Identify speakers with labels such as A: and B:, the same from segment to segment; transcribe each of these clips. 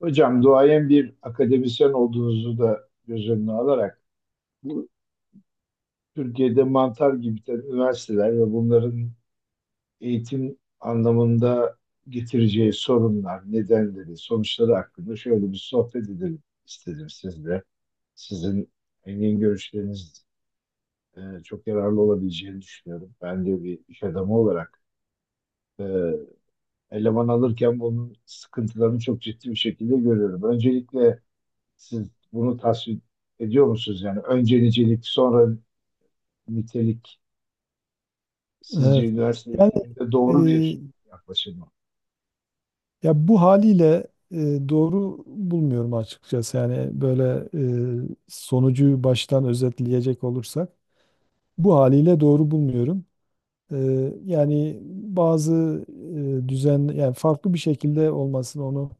A: Hocam duayen bir akademisyen olduğunuzu da göz önüne alarak bu Türkiye'de mantar gibi tabii üniversiteler ve bunların eğitim anlamında getireceği sorunlar, nedenleri, sonuçları hakkında şöyle bir sohbet edelim istedim sizle. Sizin engin görüşleriniz çok yararlı olabileceğini düşünüyorum. Ben de bir iş adamı olarak e, eleman alırken bunun sıkıntılarını çok ciddi bir şekilde görüyorum. Öncelikle siz bunu tasvip ediyor musunuz? Yani önce nicelik, sonra nitelik sizce
B: Evet.
A: üniversite
B: Yani
A: eğitiminde
B: e,
A: doğru bir yaklaşım mı?
B: ya bu haliyle doğru bulmuyorum açıkçası. Yani böyle sonucu baştan özetleyecek olursak bu haliyle doğru bulmuyorum. E, Yani bazı düzen yani farklı bir şekilde olmasını onu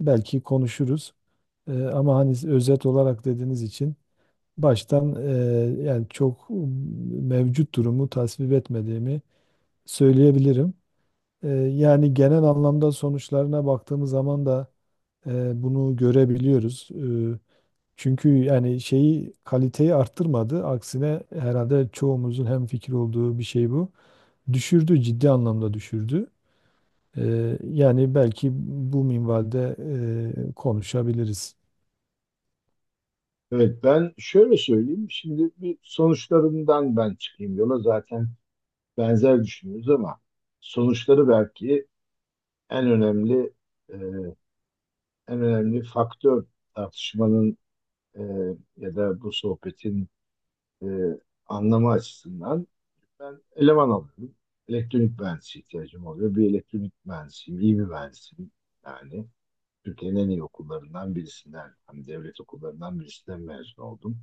B: belki konuşuruz. Ama hani özet olarak dediğiniz için baştan yani çok mevcut durumu tasvip etmediğimi söyleyebilirim. Yani genel anlamda sonuçlarına baktığımız zaman da bunu görebiliyoruz. Çünkü yani şeyi kaliteyi arttırmadı. Aksine herhalde çoğumuzun hemfikir olduğu bir şey bu. Düşürdü, ciddi anlamda düşürdü. E, Yani belki bu minvalde konuşabiliriz.
A: Evet, ben şöyle söyleyeyim. Şimdi bir sonuçlarından ben çıkayım yola. Zaten benzer düşünüyoruz ama sonuçları belki en önemli e, en önemli faktör tartışmanın, e, ya da bu sohbetin e, anlamı açısından. Ben eleman alıyorum. Elektronik mühendisi ihtiyacım oluyor. Bir elektronik mühendisiyim, iyi bir mühendisiyim. Yani Türkiye'nin en iyi okullarından birisinden, hani devlet okullarından birisinden mezun oldum.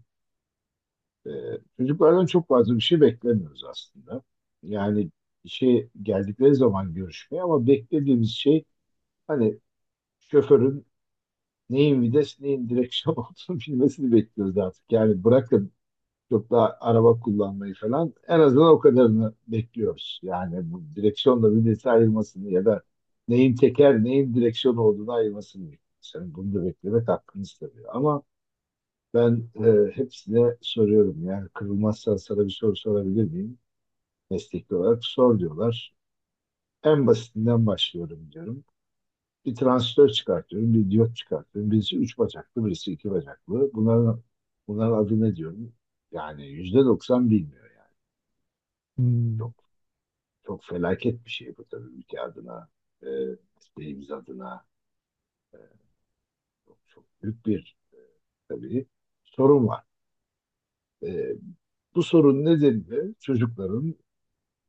A: Ee, Çocuklardan çok fazla bir şey beklemiyoruz aslında. Yani işe geldikleri zaman görüşmeye, ama beklediğimiz şey hani şoförün neyin vites, neyin direksiyon olduğunu bilmesini bekliyoruz artık. Yani bırakın çok da araba kullanmayı falan, en azından o kadarını bekliyoruz. Yani bu direksiyonla birbirine ayrılmasını ya da neyin teker neyin direksiyon olduğunu ayırmasını bekliyoruz. Yani bunu da beklemek hakkınız tabii. Ama ben hepsine soruyorum. Yani kırılmazsa sana bir soru sorabilir miyim? Mesleki olarak sor diyorlar. En basitinden başlıyorum diyorum. Bir transistör çıkartıyorum, bir diyot çıkartıyorum. Birisi üç bacaklı, birisi iki bacaklı. Bunların adı ne diyorum? Yani %90 bilmiyor yani.
B: Hmm,
A: Çok. Çok felaket bir şey bu tabii ülke adına, e, isteğimiz adına. Çok, çok büyük bir tabii sorun var. E, Bu sorun nedeni çocukların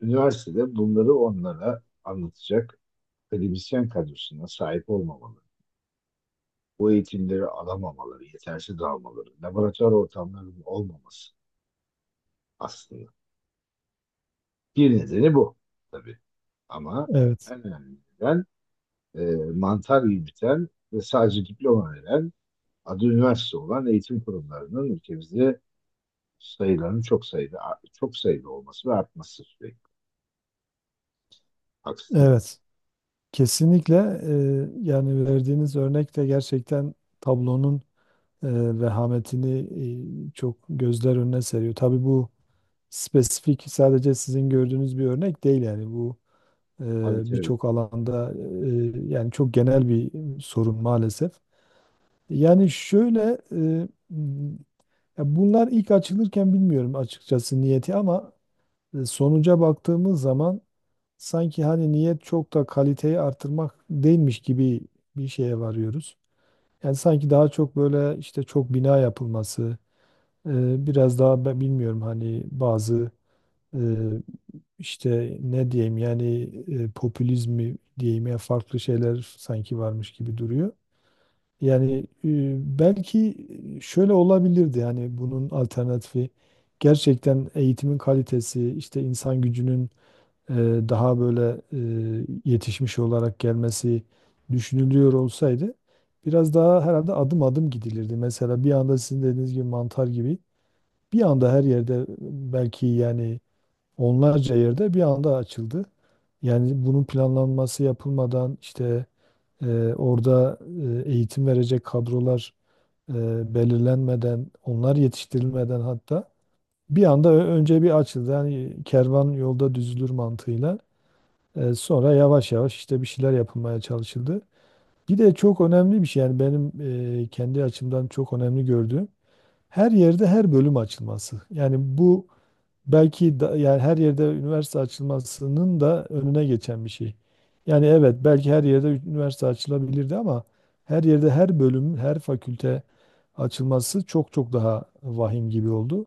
A: üniversitede bunları onlara anlatacak akademisyen kadrosuna sahip olmamaları, bu eğitimleri alamamaları, yetersiz almaları, laboratuvar ortamlarının olmaması aslında. Bir nedeni bu tabii, ama
B: evet,
A: en önemli neden mantar gibi biten ve sadece diploma veren adı üniversite olan eğitim kurumlarının ülkemizde sayılarının çok sayıda olması ve artması sürekli. Haksız mıyım?
B: evet. Kesinlikle yani verdiğiniz örnek de gerçekten tablonun e, vehametini çok gözler önüne seriyor. Tabii bu spesifik sadece sizin gördüğünüz bir örnek değil yani bu
A: Tabii, tabii.
B: birçok alanda yani çok genel bir sorun maalesef. Yani şöyle e, ya bunlar ilk açılırken bilmiyorum açıkçası niyeti ama sonuca baktığımız zaman sanki hani niyet çok da kaliteyi artırmak değilmiş gibi bir şeye varıyoruz. Yani sanki daha çok böyle işte çok bina yapılması, biraz daha ben bilmiyorum hani bazı e, İşte ne diyeyim yani popülizmi diyeyim ya farklı şeyler sanki varmış gibi duruyor. Yani belki şöyle olabilirdi hani bunun alternatifi gerçekten eğitimin kalitesi işte insan gücünün e, daha böyle yetişmiş olarak gelmesi düşünülüyor olsaydı biraz daha herhalde adım adım gidilirdi. Mesela bir anda sizin dediğiniz gibi mantar gibi bir anda her yerde belki yani onlarca yerde bir anda açıldı. Yani bunun planlanması yapılmadan işte e, orada eğitim verecek kadrolar e, belirlenmeden, onlar yetiştirilmeden hatta bir anda önce bir açıldı. Yani kervan yolda düzülür mantığıyla. Sonra yavaş yavaş işte bir şeyler yapılmaya çalışıldı. Bir de çok önemli bir şey yani benim kendi açımdan çok önemli gördüğüm her yerde her bölüm açılması. Yani bu belki da, yani her yerde üniversite açılmasının da önüne geçen bir şey. Yani evet belki her yerde üniversite açılabilirdi ama her yerde her bölüm, her fakülte açılması çok çok daha vahim gibi oldu.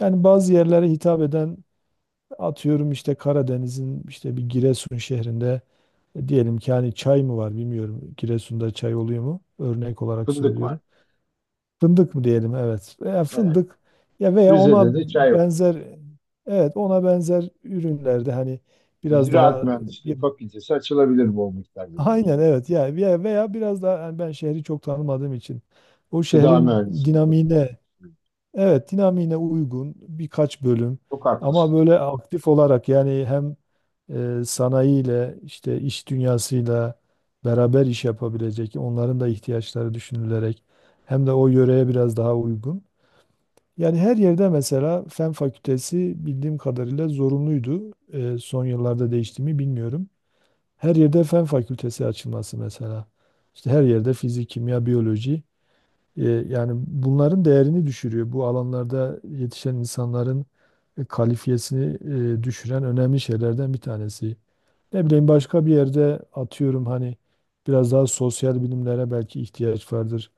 B: Yani bazı yerlere hitap eden atıyorum işte Karadeniz'in işte bir Giresun şehrinde diyelim ki hani çay mı var bilmiyorum. Giresun'da çay oluyor mu? Örnek olarak
A: Fındık var.
B: söylüyorum. Fındık mı diyelim evet. Veya
A: Evet.
B: fındık ya veya ona
A: Rize'de de çay var. Evet.
B: benzer evet ona benzer ürünlerde hani biraz
A: Ziraat
B: daha
A: Mühendisliği
B: bir-
A: Fakültesi açılabilir bu miktarda diyor.
B: aynen evet ya ya veya biraz daha yani ben şehri çok tanımadığım için o
A: Gıda
B: şehrin
A: Mühendisliği Fakültesi.
B: dinamiğine evet dinamiğine uygun birkaç bölüm
A: Çok
B: ama
A: haklısınız.
B: böyle aktif olarak yani hem sanayiyle işte iş dünyasıyla beraber iş yapabilecek onların da ihtiyaçları düşünülerek hem de o yöreye biraz daha uygun. Yani her yerde mesela Fen Fakültesi bildiğim kadarıyla zorunluydu. Son yıllarda değişti mi bilmiyorum. Her yerde Fen Fakültesi açılması mesela. İşte her yerde fizik, kimya, biyoloji. Ee, Yani bunların değerini düşürüyor. Bu alanlarda yetişen insanların kalifiyesini düşüren önemli şeylerden bir tanesi. Ne bileyim başka bir yerde atıyorum hani biraz daha sosyal bilimlere belki ihtiyaç vardır.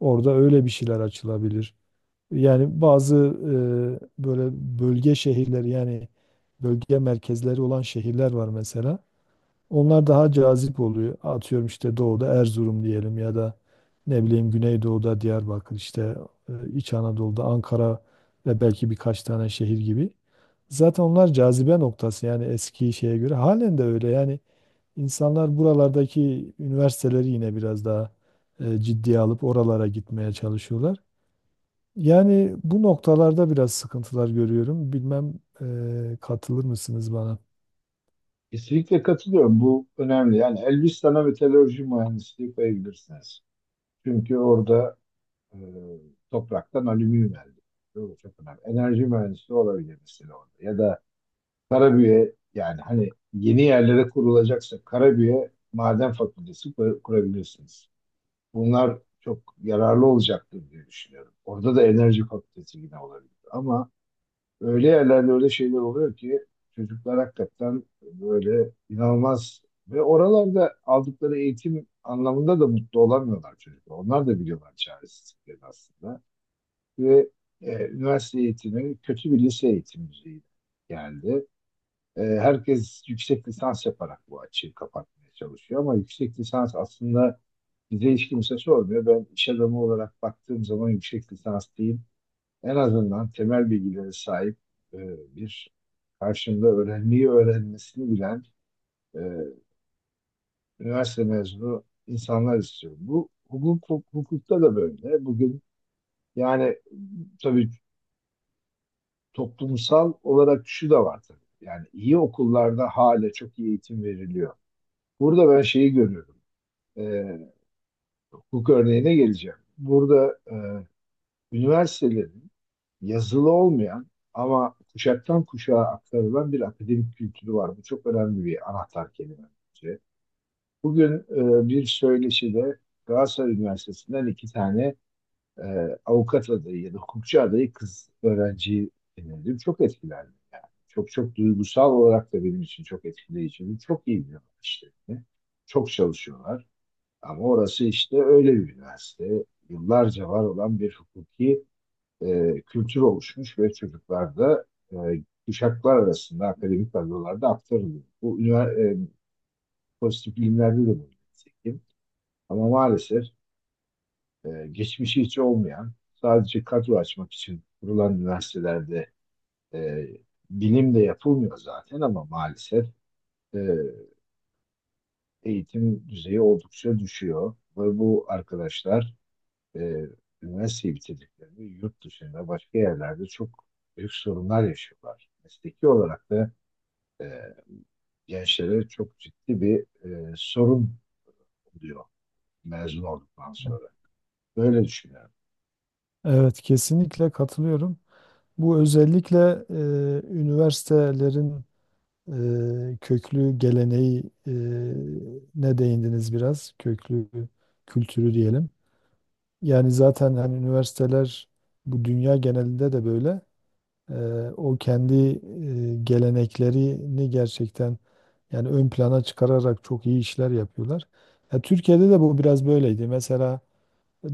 B: Orada öyle bir şeyler açılabilir. Yani bazı böyle bölge şehirleri yani bölge merkezleri olan şehirler var mesela. Onlar daha cazip oluyor. Atıyorum işte doğuda Erzurum diyelim ya da ne bileyim Güneydoğu'da Diyarbakır işte İç Anadolu'da Ankara ve belki birkaç tane şehir gibi. Zaten onlar cazibe noktası yani eski şeye göre halen de öyle. Yani insanlar buralardaki üniversiteleri yine biraz daha ciddiye alıp oralara gitmeye çalışıyorlar. Yani bu noktalarda biraz sıkıntılar görüyorum. Bilmem katılır mısınız bana?
A: Kesinlikle katılıyorum. Bu önemli. Yani Elbistan'a metalurji mühendisliği koyabilirsiniz. Çünkü orada e, topraktan alüminyum elde ediyor. Bu çok önemli. Enerji mühendisliği olabilir mesela orada. Ya da Karabüye, yani hani yeni yerlere kurulacaksa Karabüye Maden Fakültesi kurabilirsiniz. Bunlar çok yararlı olacaktır diye düşünüyorum. Orada da Enerji Fakültesi yine olabilir. Ama öyle yerlerde öyle şeyler oluyor ki çocuklar hakikaten böyle inanılmaz ve oralarda aldıkları eğitim anlamında da mutlu olamıyorlar çocuklar. Onlar da biliyorlar çaresizlikleri aslında. Ve üniversite eğitimi kötü bir lise eğitimi düzeyinde geldi. Herkes yüksek lisans yaparak bu açığı kapatmaya çalışıyor, ama yüksek lisans aslında bize hiç kimse sormuyor. Ben iş adamı olarak baktığım zaman yüksek lisans değil, en azından temel bilgilere sahip, e, bir karşımda öğrenmeyi öğrenmesini bilen, e, üniversite mezunu insanlar istiyorum. Bu hukuk, hukukta da böyle. Bugün yani tabii toplumsal olarak şu da var tabii. Yani iyi okullarda hala çok iyi eğitim veriliyor. Burada ben şeyi görüyorum. e, Hukuk örneğine geleceğim. Burada üniversitelerin yazılı olmayan ama kuşaktan kuşağa aktarılan bir akademik kültürü var. Bu çok önemli bir anahtar kelime bence. Bugün bir söyleşide Galatasaray Üniversitesi'nden iki tane e, avukat adayı ya da hukukçu adayı kız öğrenci dinledim. Çok etkilendim yani. Çok çok duygusal olarak da benim için çok etkileyici. Çok iyi bir işte. Çok çalışıyorlar. Ama orası işte öyle bir üniversite. Yıllarca var olan bir hukuki kültür oluşmuş ve çocuklarda, e, kuşaklar arasında akademik kadrolarda aktarılıyor. Bu pozitif bilimlerde de bu nitekim. Ama maalesef geçmişi hiç olmayan, sadece kadro açmak için kurulan üniversitelerde e, bilim de yapılmıyor zaten, ama maalesef e, eğitim düzeyi oldukça düşüyor. Ve bu arkadaşlar e, üniversiteyi bitirdiklerinde yurt dışında başka yerlerde çok büyük sorunlar yaşıyorlar. Mesleki olarak da e, gençlere çok ciddi bir sorun oluyor mezun olduktan sonra. Böyle düşünüyorum.
B: Evet, kesinlikle katılıyorum. Bu özellikle üniversitelerin köklü geleneği ne değindiniz biraz? Köklü kültürü diyelim. Yani zaten hani üniversiteler bu dünya genelinde de böyle. e, o kendi geleneklerini gerçekten yani ön plana çıkararak çok iyi işler yapıyorlar. Ya Türkiye'de de bu biraz böyleydi. Mesela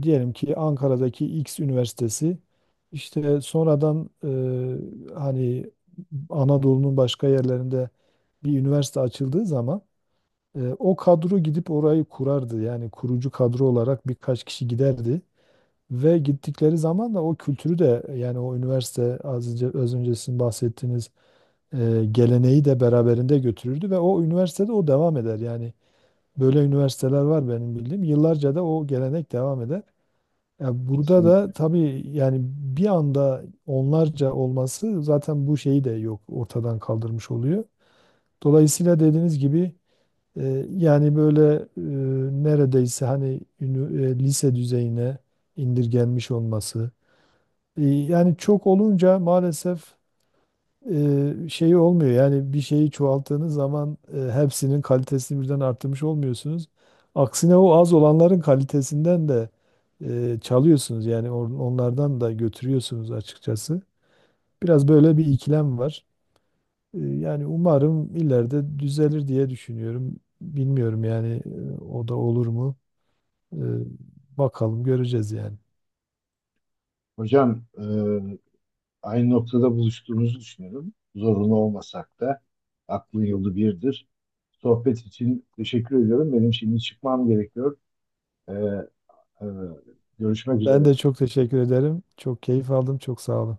B: diyelim ki Ankara'daki X üniversitesi işte sonradan hani Anadolu'nun başka yerlerinde bir üniversite açıldığı zaman o kadro gidip orayı kurardı. Yani kurucu kadro olarak birkaç kişi giderdi. Ve gittikleri zaman da o kültürü de yani o üniversite az önce sizin bahsettiğiniz geleneği de beraberinde götürürdü ve o üniversitede o devam eder. Yani böyle üniversiteler var benim bildiğim. Yıllarca da o gelenek devam eder. Ya burada da
A: Kesinlikle.
B: tabii yani bir anda onlarca olması zaten bu şeyi de yok ortadan kaldırmış oluyor. Dolayısıyla dediğiniz gibi yani böyle neredeyse hani lise düzeyine indirgenmiş olması yani çok olunca maalesef şeyi olmuyor. Yani bir şeyi çoğalttığınız zaman hepsinin kalitesini birden arttırmış olmuyorsunuz. Aksine o az olanların kalitesinden de çalıyorsunuz. Yani onlardan da götürüyorsunuz açıkçası. Biraz böyle bir ikilem var. Yani umarım ileride düzelir diye düşünüyorum. Bilmiyorum yani o da olur mu? E, Bakalım göreceğiz yani.
A: Hocam, aynı noktada buluştuğumuzu düşünüyorum. Zorunlu olmasak da aklın yolu birdir. Sohbet için teşekkür ediyorum. Benim şimdi çıkmam gerekiyor. E, e, Görüşmek üzere.
B: Ben de çok teşekkür ederim. Çok keyif aldım. Çok sağ olun.